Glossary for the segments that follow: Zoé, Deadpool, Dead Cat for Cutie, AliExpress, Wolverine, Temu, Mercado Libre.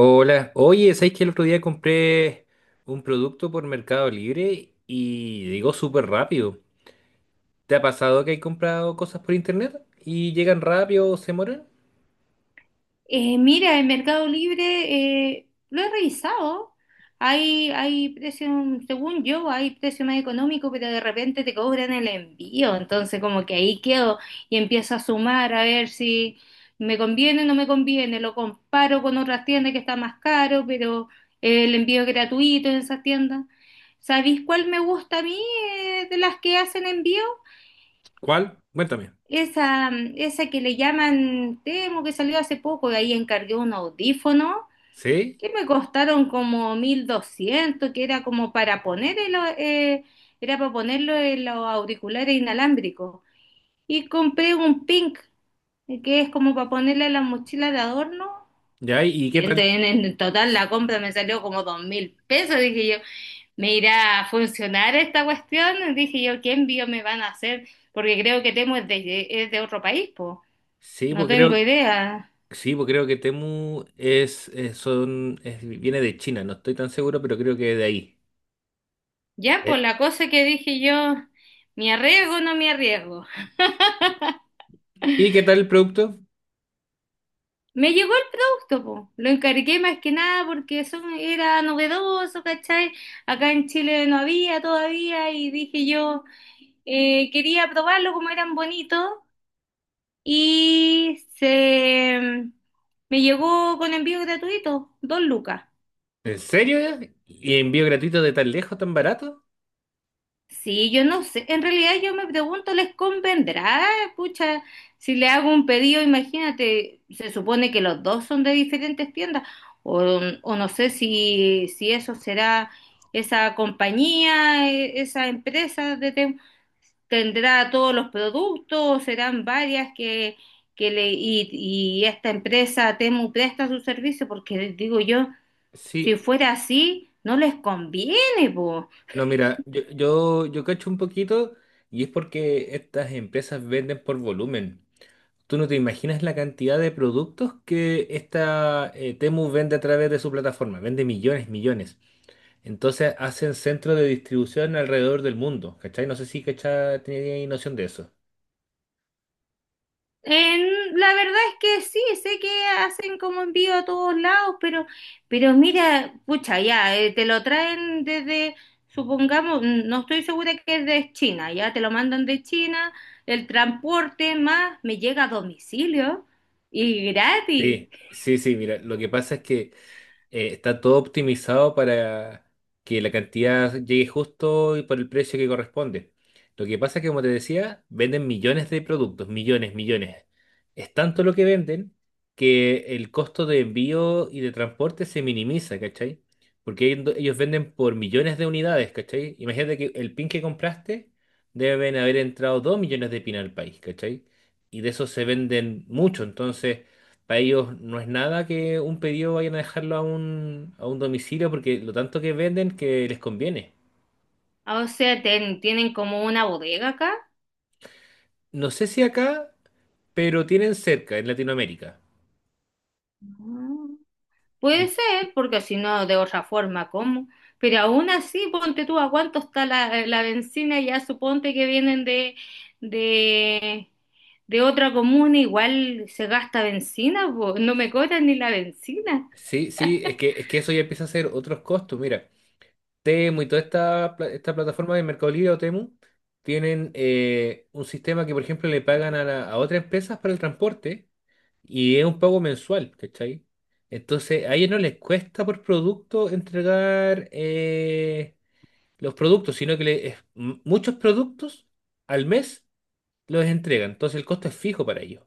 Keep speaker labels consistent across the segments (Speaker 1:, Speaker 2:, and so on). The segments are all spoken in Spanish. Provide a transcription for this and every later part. Speaker 1: Hola, oye, ¿sabes que el otro día compré un producto por Mercado Libre y llegó súper rápido? ¿Te ha pasado que hay comprado cosas por internet y llegan rápido o se demoran?
Speaker 2: Mira, en Mercado Libre lo he revisado. Hay precio, según yo, hay precio más económico, pero de repente te cobran el envío. Entonces, como que ahí quedo y empiezo a sumar a ver si me conviene o no me conviene. Lo comparo con otras tiendas que está más caro, pero el envío es gratuito en esas tiendas. ¿Sabéis cuál me gusta a mí de las que hacen envío?
Speaker 1: ¿Cuál? Cuéntame.
Speaker 2: Esa, esa que le llaman temo que salió hace poco, y ahí encargué un audífono
Speaker 1: ¿Sí?
Speaker 2: que me costaron como 1200, que era como para poner el, era para ponerlo en los auriculares inalámbricos. Y compré un pink, que es como para ponerle a la mochila de adorno.
Speaker 1: ¿Ya? ¿Y qué
Speaker 2: Y en,
Speaker 1: tal?
Speaker 2: en- en total la compra me salió como 2000 pesos. Dije yo, ¿me irá a funcionar esta cuestión? Dije yo, ¿qué envío me van a hacer? Porque creo que Temu es es de otro país, pues
Speaker 1: Sí,
Speaker 2: no
Speaker 1: pues
Speaker 2: tengo
Speaker 1: creo,
Speaker 2: idea.
Speaker 1: sí, pues creo que Temu es, viene de China, no estoy tan seguro, pero creo que de ahí.
Speaker 2: Ya, pues
Speaker 1: ¿Eh?
Speaker 2: la cosa que dije yo, ¿me arriesgo o no me arriesgo?
Speaker 1: ¿Y qué tal el producto?
Speaker 2: Me llegó el producto, po. Lo encargué más que nada porque eso era novedoso, ¿cachai? Acá en Chile no había todavía y dije yo, quería probarlo como eran bonitos y se, me llegó con envío gratuito, dos lucas.
Speaker 1: ¿En serio ya? ¿Y envío gratuito de tan lejos, tan barato?
Speaker 2: Sí, yo no sé, en realidad yo me pregunto, ¿les convendrá? Pucha, si le hago un pedido, imagínate, se supone que los dos son de diferentes tiendas, o no sé si eso será esa compañía, esa empresa de tendrá todos los productos, o serán varias que y esta empresa Temu presta su servicio, porque digo yo, si
Speaker 1: Sí.
Speaker 2: fuera así, no les conviene.
Speaker 1: No, mira, yo cacho un poquito y es porque estas empresas venden por volumen. Tú no te imaginas la cantidad de productos que esta Temu vende a través de su plataforma. Vende millones, millones. Entonces hacen centros de distribución alrededor del mundo. ¿Cachai? No sé si cachai tenía noción de eso.
Speaker 2: La verdad es que sí, sé que hacen como envío a todos lados, pero mira, pucha, ya, te lo traen desde, supongamos, no estoy segura que es de China, ya te lo mandan de China, el transporte más me llega a domicilio y gratis.
Speaker 1: Sí, sí, sí, mira, lo que pasa es que está todo optimizado para que la cantidad llegue justo y por el precio que corresponde. Lo que pasa es que, como te decía, venden millones de productos, millones, millones. Es tanto lo que venden que el costo de envío y de transporte se minimiza, ¿cachai? Porque ellos venden por millones de unidades, ¿cachai? Imagínate que el pin que compraste deben haber entrado dos millones de pin al país, ¿cachai? Y de esos se venden mucho, entonces... Para ellos no es nada que un pedido vayan a dejarlo a un domicilio porque lo tanto que venden que les conviene.
Speaker 2: O sea, tienen como una bodega acá.
Speaker 1: No sé si acá, pero tienen cerca en Latinoamérica.
Speaker 2: Puede
Speaker 1: En-
Speaker 2: ser, porque si no, de otra forma, ¿cómo? Pero aún así, ponte tú a cuánto está la bencina, ya suponte que vienen de, de otra comuna, igual se gasta bencina, po, no me cobran ni la bencina.
Speaker 1: Sí, sí, es que eso ya empieza a ser otros costos. Mira, Temu y toda esta plataforma de Mercado Libre o Temu tienen un sistema que, por ejemplo, le pagan a, a otras empresas para el transporte y es un pago mensual, ¿cachai? Entonces, a ellos no les cuesta por producto entregar, los productos, sino que muchos productos al mes los entregan. Entonces el costo es fijo para ellos.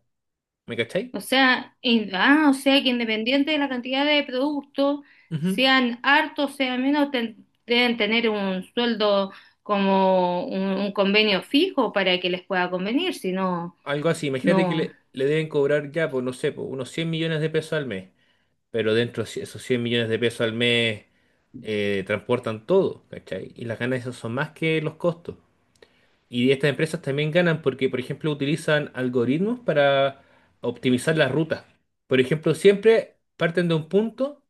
Speaker 1: ¿Me cacháis?
Speaker 2: O sea, o sea que independiente de la cantidad de productos,
Speaker 1: Ujú.
Speaker 2: sean hartos, sean menos, deben tener un sueldo como un convenio fijo para que les pueda convenir, si no,
Speaker 1: Algo así. Imagínate que
Speaker 2: no.
Speaker 1: le deben cobrar ya, pues no sé, pues, unos 100 millones de pesos al mes. Pero dentro de esos 100 millones de pesos al mes transportan todo, ¿cachai? Y las ganancias son más que los costos. Y estas empresas también ganan porque, por ejemplo, utilizan algoritmos para optimizar las rutas. Por ejemplo, siempre parten de un punto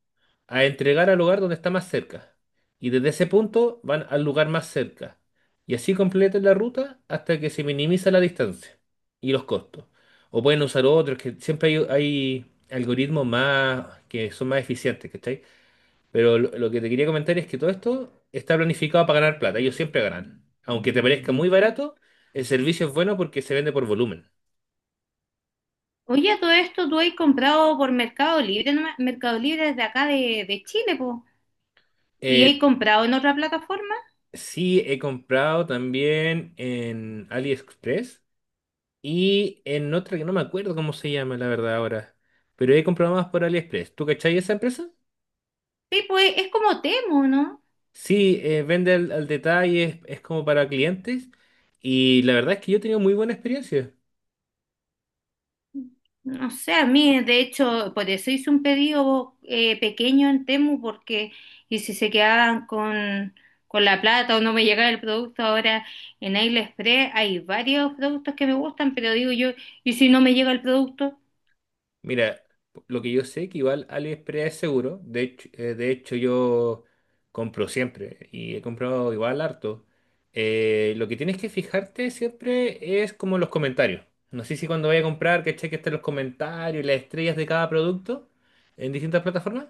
Speaker 1: a entregar al lugar donde está más cerca. Y desde ese punto van al lugar más cerca. Y así completan la ruta hasta que se minimiza la distancia y los costos. O pueden usar otros, que siempre hay algoritmos más que son más eficientes, pero lo que te quería comentar es que todo esto está planificado para ganar plata. Ellos siempre ganan. Aunque te parezca muy barato, el servicio es bueno porque se vende por volumen.
Speaker 2: Oye, a todo esto tú has comprado por Mercado Libre, ¿no? Mercado Libre desde acá de Chile, pues. ¿Y has
Speaker 1: Eh,
Speaker 2: comprado en otra plataforma?
Speaker 1: sí, he comprado también en AliExpress y en otra que no me acuerdo cómo se llama, la verdad, ahora. Pero he comprado más por AliExpress. ¿Tú cachai esa empresa?
Speaker 2: Sí, pues es como Temu, ¿no?
Speaker 1: Sí, vende al, al detalle, es como para clientes. Y la verdad es que yo he tenido muy buena experiencia.
Speaker 2: No sé, a mí, de hecho, por eso hice un pedido pequeño en Temu, porque y si se quedaban con la plata o no me llegaba el producto ahora en AliExpress, hay varios productos que me gustan, pero digo yo, ¿y si no me llega el producto?
Speaker 1: Mira, lo que yo sé que igual AliExpress es seguro. De hecho, de hecho yo compro siempre y he comprado igual harto. Lo que tienes que fijarte siempre es como los comentarios. No sé si cuando vaya a comprar, ¿cachai? Que cheque estén los comentarios y las estrellas de cada producto en distintas plataformas.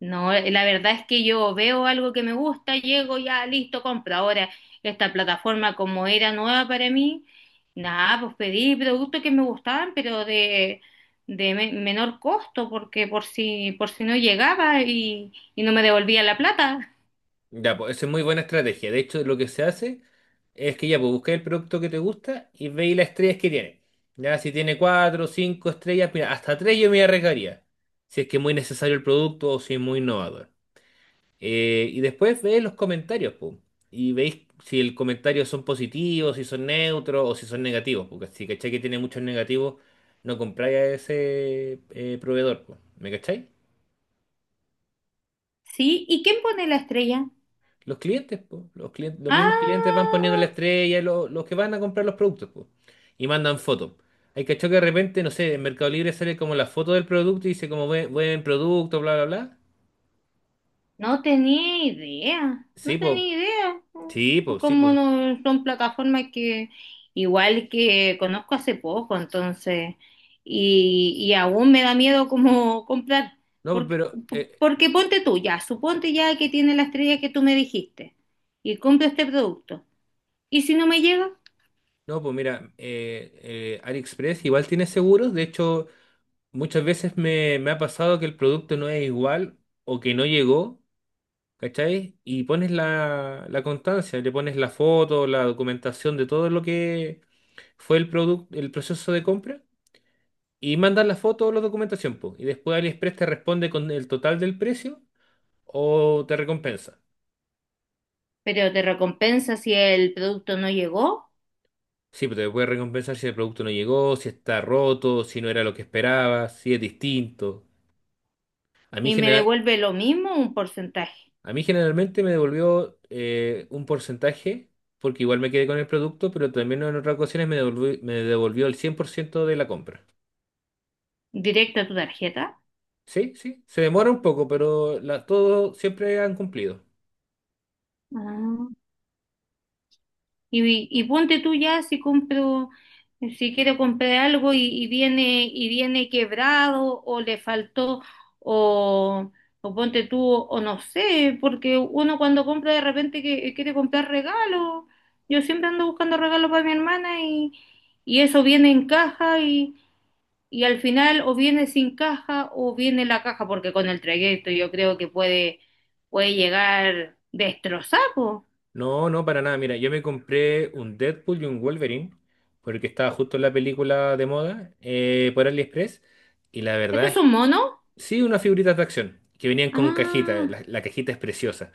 Speaker 2: No, la verdad es que yo veo algo que me gusta, llego ya, listo, compro. Ahora, esta plataforma como era nueva para mí, nada, pues pedí productos que me gustaban, pero de menor costo, porque por si no llegaba y no me devolvía la plata.
Speaker 1: Ya, pues, esa es muy buena estrategia. De hecho, lo que se hace es que ya, pues buscáis el producto que te gusta y veis las estrellas que tiene. Ya, si tiene cuatro, cinco estrellas, mira, hasta tres yo me arriesgaría. Si es que es muy necesario el producto o si es muy innovador. Y después veis los comentarios, pues. Y veis si el comentario son positivos, si son neutros o si son negativos. Porque si cacháis que tiene muchos negativos, no compráis a ese proveedor, pues. ¿Me cacháis?
Speaker 2: ¿Sí? ¿Y quién pone la estrella?
Speaker 1: Los clientes, po, los clientes, los mismos clientes van poniendo la
Speaker 2: Ah,
Speaker 1: estrella, los que van a comprar los productos, po, y mandan fotos. Hay cachó que de repente, no sé, en Mercado Libre sale como la foto del producto y dice como buen producto, bla, bla, bla.
Speaker 2: no tenía idea,
Speaker 1: Sí,
Speaker 2: no
Speaker 1: pues,
Speaker 2: tenía idea.
Speaker 1: sí, pues, sí,
Speaker 2: Como
Speaker 1: pues.
Speaker 2: no son plataformas que igual que conozco hace poco, entonces, y aún me da miedo como comprar,
Speaker 1: No, po,
Speaker 2: porque,
Speaker 1: pero,
Speaker 2: porque ponte tú ya, suponte ya que tiene la estrella que tú me dijiste y compro este producto. ¿Y si no me llega?
Speaker 1: no, pues mira, AliExpress igual tiene seguros. De hecho, muchas veces me ha pasado que el producto no es igual o que no llegó, ¿cachai? Y pones la constancia, le pones la foto, la documentación de todo lo que fue el producto, el proceso de compra y mandas la foto o la documentación, po, y después AliExpress te responde con el total del precio o te recompensa.
Speaker 2: Pero te recompensa si el producto no llegó
Speaker 1: Sí, pero te puede recompensar si el producto no llegó, si está roto, si no era lo que esperabas, si es distinto. A mí,
Speaker 2: y me
Speaker 1: general,
Speaker 2: devuelve lo mismo, un porcentaje
Speaker 1: a mí generalmente me devolvió un porcentaje, porque igual me quedé con el producto, pero también en otras ocasiones me devolvió el 100% de la compra.
Speaker 2: directo a tu tarjeta.
Speaker 1: Sí, sí, se demora un poco, pero todo siempre han cumplido.
Speaker 2: Ah. Y ponte tú ya si compro, si quiero comprar algo y viene quebrado o le faltó, o, o ponte tú, o no sé, porque uno cuando compra de repente quiere comprar regalos. Yo siempre ando buscando regalos para mi hermana y eso viene en caja y al final o viene sin caja o viene la caja, porque con el trayecto yo creo que puede llegar destrozado.
Speaker 1: No, no, para nada. Mira, yo me compré un Deadpool y un Wolverine, porque estaba justo en la película de moda, por AliExpress. Y la verdad
Speaker 2: ¿Estos
Speaker 1: es,
Speaker 2: son monos?
Speaker 1: sí, unas figuritas de acción, que venían con cajita.
Speaker 2: Ah.
Speaker 1: La cajita es preciosa.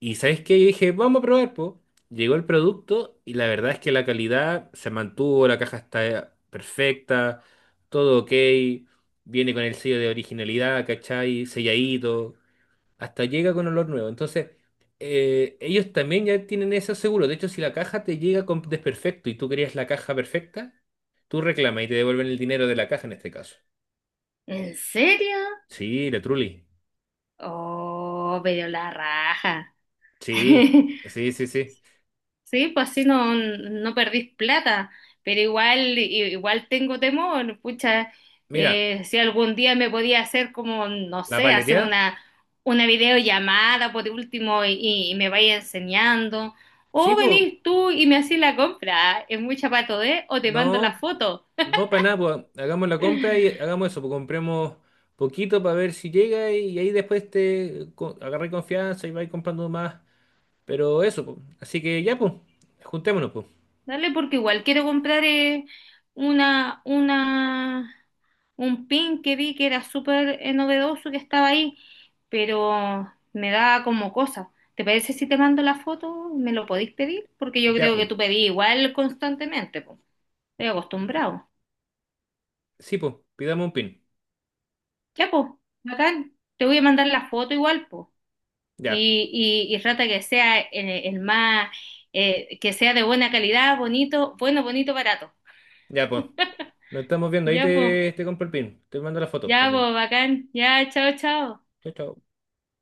Speaker 1: Y ¿sabes qué? Yo dije, vamos a probar, po. Llegó el producto y la verdad es que la calidad se mantuvo, la caja está perfecta, todo ok. Viene con el sello de originalidad, ¿cachai? Selladito. Hasta llega con olor nuevo. Entonces, ellos también ya tienen eso seguro. De hecho, si la caja te llega con desperfecto y tú querías la caja perfecta, tú reclamas y te devuelven el dinero de la caja en este caso.
Speaker 2: ¿En serio?
Speaker 1: Sí, la Trulli.
Speaker 2: Oh, pero la raja.
Speaker 1: Sí, sí, sí, sí.
Speaker 2: Sí, pues así no, no perdís plata, pero igual, igual tengo temor, pucha,
Speaker 1: Mira,
Speaker 2: si algún día me podía hacer como, no
Speaker 1: la
Speaker 2: sé,
Speaker 1: paleteada.
Speaker 2: una videollamada por último y me vaya enseñando,
Speaker 1: Sí,
Speaker 2: o
Speaker 1: pues,
Speaker 2: venís tú y me haces la compra, es mucha pato, de, o te mando la
Speaker 1: no,
Speaker 2: foto.
Speaker 1: no para nada, pues, hagamos la compra y hagamos eso, pues compremos poquito para ver si llega y ahí después te agarré confianza y vais comprando más. Pero eso, pues. Así que ya, pues, juntémonos, pues.
Speaker 2: Dale, porque igual quiero comprar una, una, un pin que vi que era súper novedoso que estaba ahí, pero me da como cosa. ¿Te parece si te mando la foto? ¿Me lo podéis pedir? Porque yo
Speaker 1: Ya,
Speaker 2: creo que
Speaker 1: pues.
Speaker 2: tú pedís igual constantemente, pues. Estoy acostumbrado.
Speaker 1: Sí, pues, pidamos un pin.
Speaker 2: Ya, pues, bacán. Te voy a mandar la foto igual, pues.
Speaker 1: Ya,
Speaker 2: Y trata que sea el más, que sea de buena calidad, bonito, bueno, bonito, barato.
Speaker 1: ya, pues. Nos estamos viendo. Ahí
Speaker 2: Ya, pues.
Speaker 1: te, te compro el pin. Te mando la foto
Speaker 2: Ya,
Speaker 1: también.
Speaker 2: pues, bacán. Ya, chao, chao.
Speaker 1: Chao, chao.